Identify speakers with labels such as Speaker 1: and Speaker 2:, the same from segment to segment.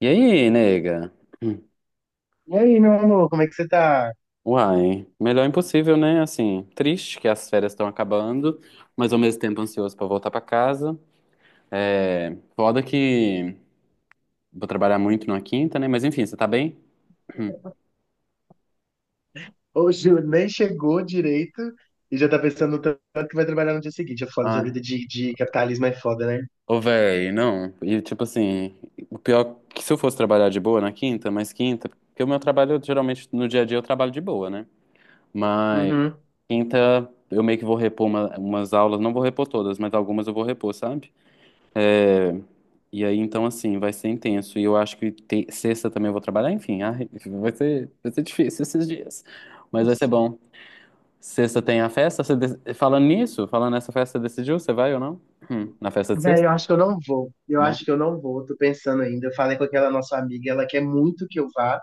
Speaker 1: E aí, nega? Hum.
Speaker 2: E aí, meu amor, como é que você tá?
Speaker 1: Uai, melhor impossível, né? Assim, triste que as férias estão acabando, mas ao mesmo tempo ansioso pra voltar pra casa. É, foda que vou trabalhar muito na quinta, né? Mas enfim, você tá bem? Hum.
Speaker 2: Hoje eu nem chegou direito e já tá pensando no tanto que vai trabalhar no dia seguinte. É foda, essa
Speaker 1: Ai,
Speaker 2: vida de capitalismo é foda, né?
Speaker 1: ô véi, não. E tipo assim, o pior é que se eu fosse trabalhar de boa na quinta, mas quinta, porque o meu trabalho geralmente no dia a dia eu trabalho de boa, né? Mas
Speaker 2: Uhum.
Speaker 1: quinta eu meio que vou repor umas aulas, não vou repor todas, mas algumas eu vou repor, sabe? E aí, então, assim, vai ser intenso. E eu acho que sexta também eu vou trabalhar. Enfim, ai, vai ser difícil esses dias. Mas vai ser
Speaker 2: Nossa,
Speaker 1: bom. Sexta tem a festa? Falando nisso, falando nessa festa, você decidiu? Você vai ou não? Na festa de
Speaker 2: velho, eu
Speaker 1: sexta?
Speaker 2: acho que eu não vou. Eu
Speaker 1: Não?
Speaker 2: acho que eu não vou. Tô pensando ainda. Eu falei com aquela nossa amiga, ela quer muito que eu vá.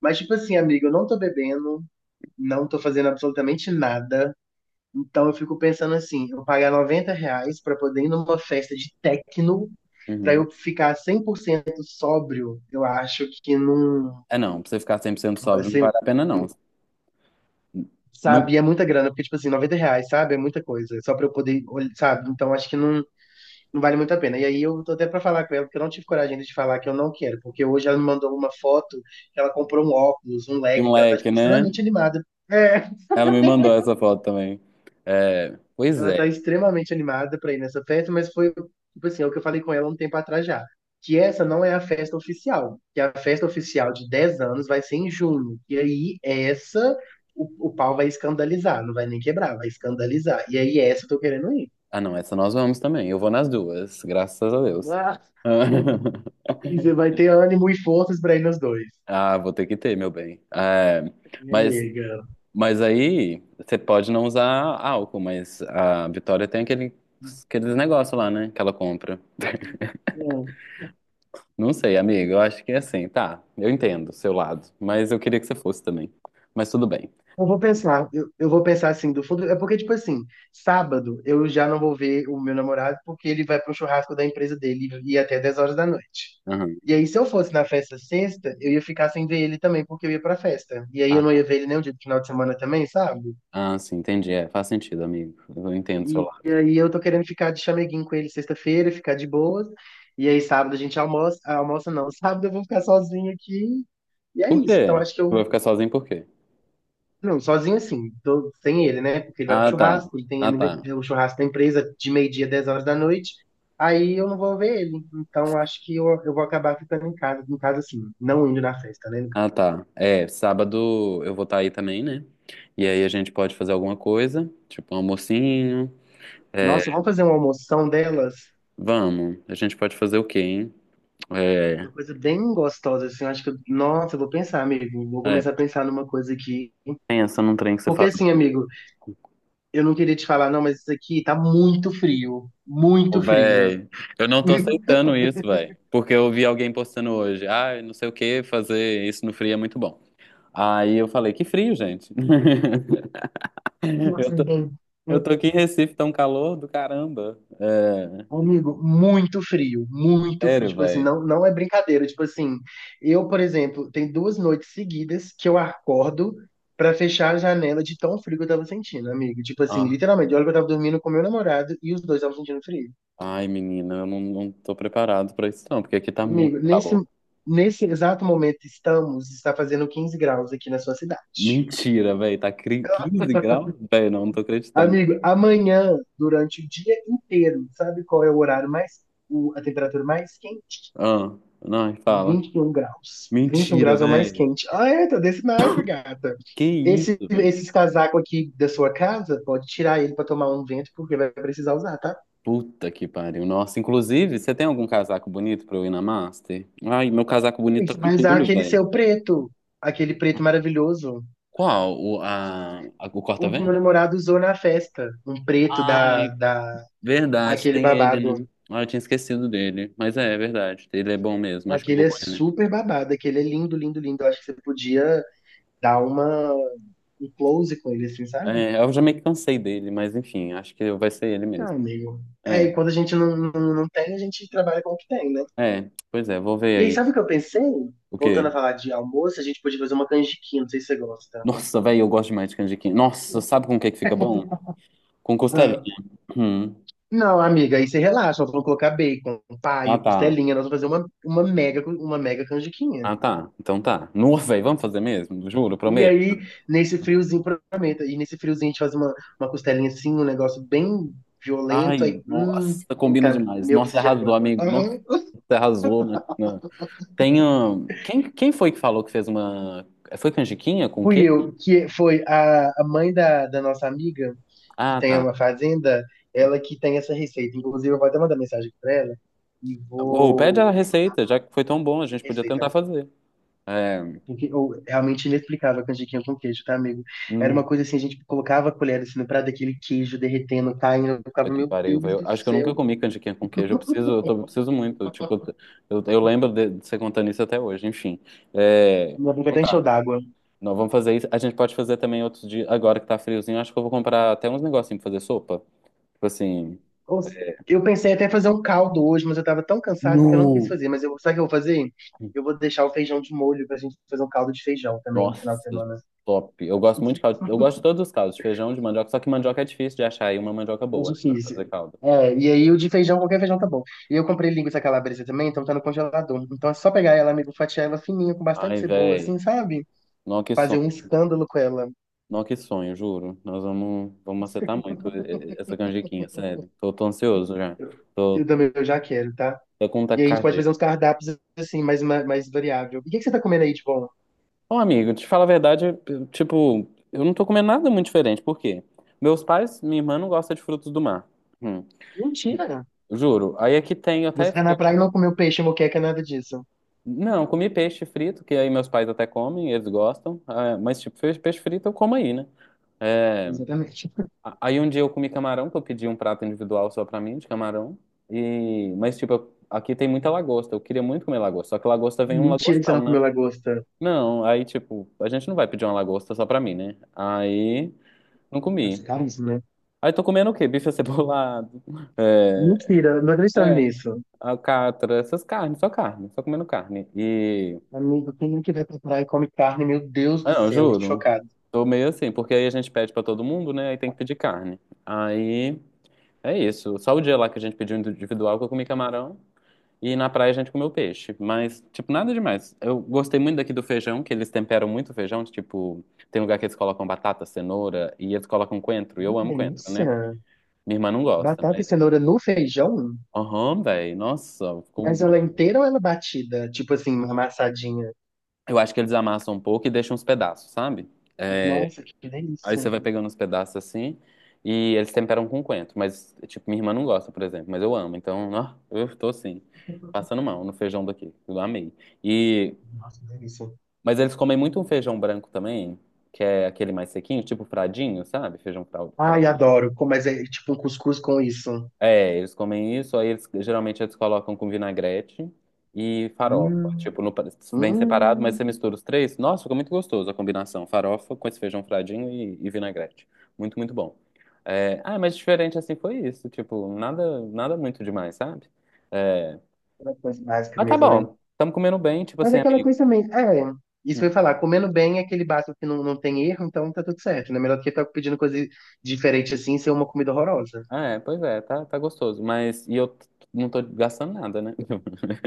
Speaker 2: Mas, tipo assim, amiga, eu não tô bebendo, não tô fazendo absolutamente nada. Então eu fico pensando assim, eu pagar R$ 90 pra poder ir numa festa de techno, pra
Speaker 1: Uhum.
Speaker 2: eu ficar 100% sóbrio, eu acho que não.
Speaker 1: É não, pra você ficar 100%
Speaker 2: Então vai
Speaker 1: sóbrio não
Speaker 2: ser,
Speaker 1: vale a pena, não. No
Speaker 2: sabe, e é muita grana, porque, tipo assim, R$ 90, sabe? É muita coisa. Só pra eu poder, sabe? Então acho que não, não vale muito a pena. E aí eu tô até pra falar com ela, porque eu não tive coragem ainda de falar que eu não quero, porque hoje ela me mandou uma foto que ela comprou um óculos, um
Speaker 1: e um
Speaker 2: leque, que ela tá,
Speaker 1: leque,
Speaker 2: tipo,
Speaker 1: né?
Speaker 2: extremamente animada. É.
Speaker 1: Ela me mandou essa foto também. É, pois
Speaker 2: Ela
Speaker 1: é.
Speaker 2: tá extremamente animada pra ir nessa festa, mas foi, tipo assim, é o que eu falei com ela um tempo atrás já. Que essa não é a festa oficial. Que a festa oficial de 10 anos vai ser em junho. E aí, essa, o pau vai escandalizar. Não vai nem quebrar, vai escandalizar. E aí, essa eu tô querendo ir.
Speaker 1: Ah, não, essa nós vamos também. Eu vou nas duas, graças a Deus.
Speaker 2: Ah, e você vai ter ânimo e forças pra ir nos dois.
Speaker 1: Ah, vou ter que ter, meu bem. É,
Speaker 2: Minha
Speaker 1: mas,
Speaker 2: nega.
Speaker 1: mas aí você pode não usar álcool, mas a Vitória tem aquele, aqueles negócios lá, né? Que ela compra. Não sei, amiga, eu acho que é assim, tá. Eu entendo o seu lado, mas eu queria que você fosse também. Mas tudo bem.
Speaker 2: Eu vou pensar, eu vou pensar assim, do fundo. É porque, tipo assim, sábado eu já não vou ver o meu namorado porque ele vai pro churrasco da empresa dele e até 10 horas da noite.
Speaker 1: Aham.
Speaker 2: E aí, se eu fosse na festa sexta, eu ia ficar sem ver ele também porque eu ia pra festa. E aí
Speaker 1: Ah,
Speaker 2: eu não ia
Speaker 1: tá.
Speaker 2: ver ele nem o dia do final de semana também, sabe?
Speaker 1: Ah, sim, entendi. É, faz sentido, amigo. Eu entendo o seu
Speaker 2: E,
Speaker 1: lado.
Speaker 2: e aí eu tô querendo ficar de chameguinho com ele sexta-feira, ficar de boas. E aí sábado a gente almoça, almoça não, sábado eu vou ficar sozinho aqui. E é
Speaker 1: Por
Speaker 2: isso. Então
Speaker 1: quê?
Speaker 2: acho que
Speaker 1: Tu
Speaker 2: eu.
Speaker 1: vai ficar sozinho por quê?
Speaker 2: Não, sozinho assim, tô sem ele, né? Porque ele vai pro
Speaker 1: Ah, tá.
Speaker 2: churrasco, ele tem
Speaker 1: Ah, tá.
Speaker 2: é, o churrasco da empresa de meio-dia, 10 horas da noite. Aí eu não vou ver ele. Então acho que eu vou acabar ficando em casa assim, não indo na festa, né?
Speaker 1: Ah, tá. É, sábado eu vou estar aí também, né? E aí a gente pode fazer alguma coisa, tipo um almocinho. É,
Speaker 2: Nossa, vamos fazer uma almoção delas,
Speaker 1: vamos. A gente pode fazer o quê, hein? É,
Speaker 2: uma coisa bem gostosa, assim. Eu acho que, nossa, eu vou pensar, amigo. Vou
Speaker 1: é,
Speaker 2: começar a pensar numa coisa aqui.
Speaker 1: pensa num trem que você
Speaker 2: Porque
Speaker 1: faz.
Speaker 2: assim, amigo, eu não queria te falar, não, mas isso aqui tá muito frio,
Speaker 1: Ô,
Speaker 2: muito frio.
Speaker 1: véi, eu não tô aceitando isso, véi. Porque eu vi alguém postando hoje. Ah, não sei o que, fazer isso no frio é muito bom. Aí eu falei, que frio, gente. Eu
Speaker 2: Nossa,
Speaker 1: tô,
Speaker 2: bem.
Speaker 1: eu tô aqui em Recife, tá um calor do caramba. É,
Speaker 2: Amigo, muito frio, muito frio.
Speaker 1: sério,
Speaker 2: Tipo assim,
Speaker 1: véi.
Speaker 2: não, não é brincadeira. Tipo assim, eu, por exemplo, tem 2 noites seguidas que eu acordo pra fechar a janela de tão frio que eu tava sentindo, amigo. Tipo assim, literalmente, olha que eu tava dormindo com meu namorado e os dois estavam sentindo frio.
Speaker 1: Ai, menina, eu não tô preparado pra isso, não, porque aqui tá
Speaker 2: Amigo,
Speaker 1: muito
Speaker 2: nesse,
Speaker 1: calor.
Speaker 2: nesse exato momento estamos, está fazendo 15 graus aqui na sua cidade.
Speaker 1: Mentira, velho, tá 15 graus? Velho, não tô acreditando.
Speaker 2: Amigo, amanhã, durante o dia inteiro, sabe qual é o horário mais, a temperatura mais quente?
Speaker 1: Ah, não, fala.
Speaker 2: 21 graus. 21
Speaker 1: Mentira,
Speaker 2: graus é o mais
Speaker 1: velho.
Speaker 2: quente. Ah, é, tá desse naipe, gata.
Speaker 1: Que
Speaker 2: Esse,
Speaker 1: isso, velho.
Speaker 2: esses casacos aqui da sua casa, pode tirar ele pra tomar um vento, porque vai precisar usar, tá?
Speaker 1: Puta que pariu. Nossa, inclusive, você tem algum casaco bonito pra eu ir na Master? Ai, meu casaco
Speaker 2: E
Speaker 1: bonito tá
Speaker 2: você
Speaker 1: com
Speaker 2: vai usar
Speaker 1: tule,
Speaker 2: aquele
Speaker 1: velho.
Speaker 2: seu preto, aquele preto maravilhoso.
Speaker 1: Qual? O
Speaker 2: O que meu
Speaker 1: corta-vento?
Speaker 2: namorado usou na festa. Um preto
Speaker 1: Ai, verdade,
Speaker 2: aquele
Speaker 1: tem
Speaker 2: babado.
Speaker 1: ele, né? Ah, eu tinha esquecido dele. Mas é verdade, ele é bom mesmo, acho que eu
Speaker 2: Aquele
Speaker 1: vou
Speaker 2: é
Speaker 1: com ele.
Speaker 2: super babado, aquele é lindo, lindo, lindo. Eu acho que você podia dar um close com ele, assim, sabe?
Speaker 1: É, eu já meio que cansei dele, mas enfim, acho que vai ser ele
Speaker 2: Não,
Speaker 1: mesmo.
Speaker 2: amigo. É, e
Speaker 1: É,
Speaker 2: quando a gente não tem, a gente trabalha com o que tem, né?
Speaker 1: é, pois é, vou ver
Speaker 2: E aí,
Speaker 1: aí.
Speaker 2: sabe o que eu pensei?
Speaker 1: O quê?
Speaker 2: Voltando a falar de almoço, a gente podia fazer uma canjiquinha, não sei se você gosta.
Speaker 1: Nossa, velho, eu gosto demais de canjiquinha. Nossa, sabe com o que que fica bom? Com
Speaker 2: Ah,
Speaker 1: costelinha. Hum.
Speaker 2: não, amiga, aí você relaxa, nós vamos colocar bacon,
Speaker 1: Ah,
Speaker 2: paio,
Speaker 1: tá.
Speaker 2: costelinha, nós vamos fazer uma mega canjiquinha.
Speaker 1: Ah, tá. Então tá. Nossa, velho, vamos fazer mesmo? Juro,
Speaker 2: E
Speaker 1: prometo.
Speaker 2: aí, nesse friozinho, provavelmente, e nesse friozinho a gente faz uma costelinha assim, um negócio bem violento, aí,
Speaker 1: Ai, nossa, combina
Speaker 2: puta,
Speaker 1: demais.
Speaker 2: meu,
Speaker 1: Nossa,
Speaker 2: preciso de
Speaker 1: arrasou,
Speaker 2: agora.
Speaker 1: amigo. Nossa, você arrasou. Quem foi que falou que fez uma... Foi canjiquinha com o
Speaker 2: Fui
Speaker 1: quê?
Speaker 2: eu, que foi a mãe da nossa amiga, que
Speaker 1: Ah,
Speaker 2: tem
Speaker 1: tá.
Speaker 2: uma fazenda, ela que tem essa receita. Inclusive, eu vou até mandar mensagem para ela e
Speaker 1: Ou pede
Speaker 2: vou.
Speaker 1: a receita, já que foi tão bom, a gente podia
Speaker 2: Receita,
Speaker 1: tentar fazer. É.
Speaker 2: porque realmente inexplicável a canjiquinha com queijo, tá, amigo? Era uma
Speaker 1: Nu,
Speaker 2: coisa assim, a gente colocava a colher assim no prato, aquele queijo derretendo, caindo, eu
Speaker 1: Puta
Speaker 2: ficava,
Speaker 1: que
Speaker 2: meu
Speaker 1: pariu,
Speaker 2: Deus
Speaker 1: velho.
Speaker 2: do
Speaker 1: Acho que eu nunca
Speaker 2: céu,
Speaker 1: comi canjiquinha com queijo. Eu preciso, eu preciso muito. Tipo, eu lembro de você contando isso até hoje, enfim. É,
Speaker 2: minha boca
Speaker 1: então
Speaker 2: até encheu
Speaker 1: tá.
Speaker 2: d'água.
Speaker 1: Nós vamos fazer isso. A gente pode fazer também outros dias. Agora que tá friozinho, acho que eu vou comprar até uns negocinhos pra fazer sopa. Tipo assim.
Speaker 2: Ou eu pensei até fazer um caldo hoje, mas eu tava tão cansado que eu não quis
Speaker 1: No.
Speaker 2: fazer. Mas eu, sabe o que eu vou fazer? Eu vou deixar o feijão de molho pra gente fazer um caldo de feijão também no
Speaker 1: Nossa,
Speaker 2: final de semana.
Speaker 1: top. Eu gosto muito de caldo. Eu gosto de todos os caldos, de feijão, de mandioca. Só que mandioca é difícil de achar aí uma mandioca
Speaker 2: É
Speaker 1: boa, né? Pra
Speaker 2: difícil.
Speaker 1: fazer caldo.
Speaker 2: É, e aí o de feijão, qualquer feijão tá bom. E eu comprei linguiça calabresa também, então tá no congelador. Então é só pegar ela, amigo, fatiar ela fininha, com bastante
Speaker 1: Ai,
Speaker 2: cebola, assim,
Speaker 1: velho.
Speaker 2: sabe?
Speaker 1: Nossa, que
Speaker 2: Fazer
Speaker 1: sonho.
Speaker 2: um escândalo com ela.
Speaker 1: Não, que sonho, juro. Nós vamos acertar muito essa canjiquinha, sério. Tô ansioso já.
Speaker 2: Eu,
Speaker 1: Tô,
Speaker 2: eu também eu já quero, tá?
Speaker 1: tô com
Speaker 2: E aí a gente pode
Speaker 1: taquicardia.
Speaker 2: fazer uns cardápios assim, mais variável. E o que que você tá comendo aí de bom?
Speaker 1: Ô, amigo, te falo a verdade, eu, tipo, eu não tô comendo nada muito diferente. Por quê? Meus pais, minha irmã não gosta de frutos do mar. Hum,
Speaker 2: Mentira!
Speaker 1: Juro. Aí aqui tem, eu até
Speaker 2: Você tá na
Speaker 1: fiquei...
Speaker 2: praia e não comeu peixe, moqueca, nada disso.
Speaker 1: Não, comi peixe frito, que aí meus pais até comem, eles gostam. Ah, mas, tipo, peixe frito eu como aí, né? É,
Speaker 2: Exatamente.
Speaker 1: Aí um dia eu comi camarão, que eu pedi um prato individual só pra mim, de camarão. Mas, tipo, aqui tem muita lagosta. Eu queria muito comer lagosta. Só que lagosta vem um
Speaker 2: Mentira que você não
Speaker 1: lagostão, né?
Speaker 2: comeu lagosta.
Speaker 1: Não, aí, tipo, a gente não vai pedir uma lagosta só pra mim, né? Aí, não
Speaker 2: As
Speaker 1: comi.
Speaker 2: carnes, né?
Speaker 1: Aí tô comendo o quê? Bife acebolado.
Speaker 2: Mentira, não tô acreditando
Speaker 1: É, é,
Speaker 2: nisso.
Speaker 1: alcatra, essas carnes, só carne, só comendo carne.
Speaker 2: Amigo, quem que vai pra praia e come carne? Meu Deus
Speaker 1: Ah,
Speaker 2: do
Speaker 1: não,
Speaker 2: céu, tô
Speaker 1: juro,
Speaker 2: chocado.
Speaker 1: tô meio assim, porque aí a gente pede pra todo mundo, né? Aí tem que pedir carne. Aí, é isso. Só o dia lá que a gente pediu individual que eu comi camarão. E na praia a gente comeu peixe, mas, tipo, nada demais. Eu gostei muito daqui do feijão, que eles temperam muito o feijão, tipo, tem lugar que eles colocam batata, cenoura, e eles colocam coentro, e
Speaker 2: Hum.
Speaker 1: eu
Speaker 2: Que
Speaker 1: amo coentro, né?
Speaker 2: delícia.
Speaker 1: Minha irmã não gosta,
Speaker 2: Batata
Speaker 1: mas,
Speaker 2: e cenoura no feijão?
Speaker 1: aham, velho, nossa,
Speaker 2: Mas ela é inteira ou ela é batida? Tipo assim, amassadinha.
Speaker 1: eu acho que eles amassam um pouco e deixam uns pedaços, sabe? É,
Speaker 2: Nossa, que
Speaker 1: aí
Speaker 2: delícia.
Speaker 1: você vai pegando uns pedaços assim, e eles temperam com coentro, mas, tipo, minha irmã não gosta, por exemplo, mas eu amo, então, ó, eu tô assim, passando mal no feijão daqui, eu amei. E
Speaker 2: Nossa, que delícia.
Speaker 1: Mas eles comem muito um feijão branco também, que é aquele mais sequinho, tipo fradinho, sabe? Feijão
Speaker 2: Ai,
Speaker 1: fradinho.
Speaker 2: adoro. Mas é tipo um cuscuz com isso.
Speaker 1: É, eles comem isso, aí eles geralmente eles colocam com vinagrete e farofa.
Speaker 2: Hum,
Speaker 1: Tipo, no, vem separado, mas você
Speaker 2: hum.
Speaker 1: mistura os três. Nossa, ficou muito gostoso a combinação. Farofa com esse feijão fradinho e vinagrete. Muito, muito bom. É, ah, mas diferente assim foi isso. Tipo, nada, nada muito demais, sabe? É,
Speaker 2: Uma coisa básica
Speaker 1: mas tá
Speaker 2: mesmo, né?
Speaker 1: bom. Estamos comendo bem, tipo
Speaker 2: Mas
Speaker 1: assim,
Speaker 2: é aquela
Speaker 1: amigo.
Speaker 2: coisa também. É, isso que eu
Speaker 1: Hum.
Speaker 2: ia falar, comendo bem é aquele básico que não tem erro, então tá tudo certo, né? Melhor do que ficar pedindo coisa diferente assim e ser uma comida horrorosa.
Speaker 1: Ah, é, pois é, tá gostoso. Mas, não tô gastando nada, né?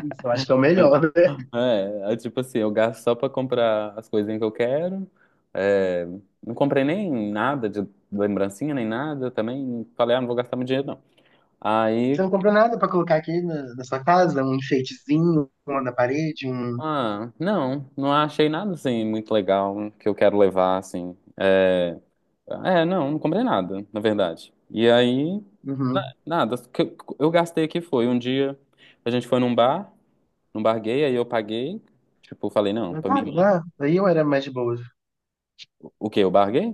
Speaker 2: Isso, eu acho que é o melhor, né?
Speaker 1: É, é tipo assim, eu gasto só pra comprar as coisinhas que eu quero. É, não comprei nem nada de lembrancinha, nem nada. Também falei, ah, não vou gastar meu dinheiro, não.
Speaker 2: Você
Speaker 1: Aí,
Speaker 2: não comprou nada pra colocar aqui na sua casa? Um enfeitezinho, uma na parede, um.
Speaker 1: ah, não achei nada, assim, muito legal que eu quero levar, assim. É, é, não comprei nada, na verdade. E aí,
Speaker 2: Uhum.
Speaker 1: nada. O que eu gastei aqui foi um dia, a gente foi num bar. Não barguei, aí eu paguei. Tipo, falei, não,
Speaker 2: Ah,
Speaker 1: pra minha
Speaker 2: claro,
Speaker 1: irmã.
Speaker 2: lá. Aí eu era mais de boa.
Speaker 1: O quê? Eu barguei?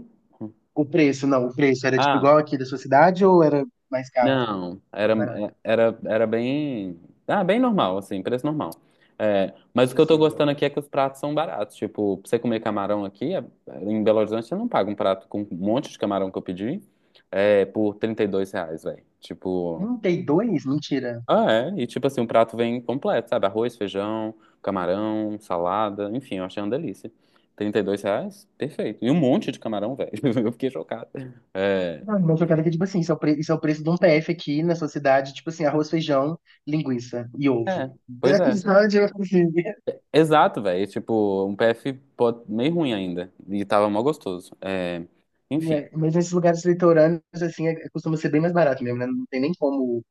Speaker 2: O preço, não, o preço era tipo
Speaker 1: Ah,
Speaker 2: igual aqui da sua cidade ou era mais caro,
Speaker 1: não. Era,
Speaker 2: mais barato,
Speaker 1: era, era bem. Ah, bem normal, assim, preço normal. É, mas o que eu tô gostando
Speaker 2: acessível?
Speaker 1: aqui é que os pratos são baratos. Tipo, pra você comer camarão aqui, em Belo Horizonte, você não paga um prato com um monte de camarão que eu pedi por R$ 32, velho. Tipo.
Speaker 2: 32. Mentira.
Speaker 1: Ah, é. E tipo assim, o prato vem completo, sabe? Arroz, feijão, camarão, salada, enfim, eu achei uma delícia. R$ 32? Perfeito. E um monte de camarão, velho. Eu fiquei chocado. É,
Speaker 2: Não, uma jogada que, tipo assim, isso é o preço de um PF aqui na sua cidade, tipo assim, arroz, feijão, linguiça e ovo.
Speaker 1: é, pois é.
Speaker 2: Sabe, tipo assim,
Speaker 1: Exato, velho. Tipo, um PF meio ruim ainda. E tava mó gostoso. É, enfim.
Speaker 2: é. Mas nesses lugares litorâneos, assim, costuma ser bem mais barato mesmo, né? Não tem nem como,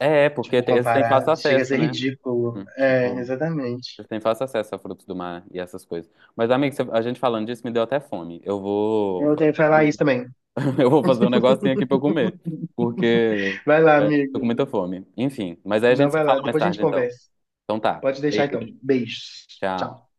Speaker 1: É, é, porque
Speaker 2: tipo,
Speaker 1: eles têm
Speaker 2: comparar.
Speaker 1: fácil
Speaker 2: Chega a
Speaker 1: acesso,
Speaker 2: ser
Speaker 1: né?
Speaker 2: ridículo. É,
Speaker 1: Tipo,
Speaker 2: exatamente.
Speaker 1: eles têm fácil acesso a frutos do mar e essas coisas. Mas, amigo, a gente falando disso me deu até fome. Eu vou.
Speaker 2: Eu tenho que
Speaker 1: Fazer
Speaker 2: falar isso
Speaker 1: um
Speaker 2: também.
Speaker 1: Eu vou fazer um negocinho aqui pra eu comer, porque
Speaker 2: Vai lá,
Speaker 1: tô com
Speaker 2: amigo.
Speaker 1: muita fome. Enfim, mas aí a gente
Speaker 2: Não,
Speaker 1: se
Speaker 2: vai
Speaker 1: fala
Speaker 2: lá.
Speaker 1: mais
Speaker 2: Depois a gente
Speaker 1: tarde, então.
Speaker 2: conversa.
Speaker 1: Então tá.
Speaker 2: Pode deixar, então.
Speaker 1: Beijo,
Speaker 2: Beijos.
Speaker 1: tchau.
Speaker 2: Tchau.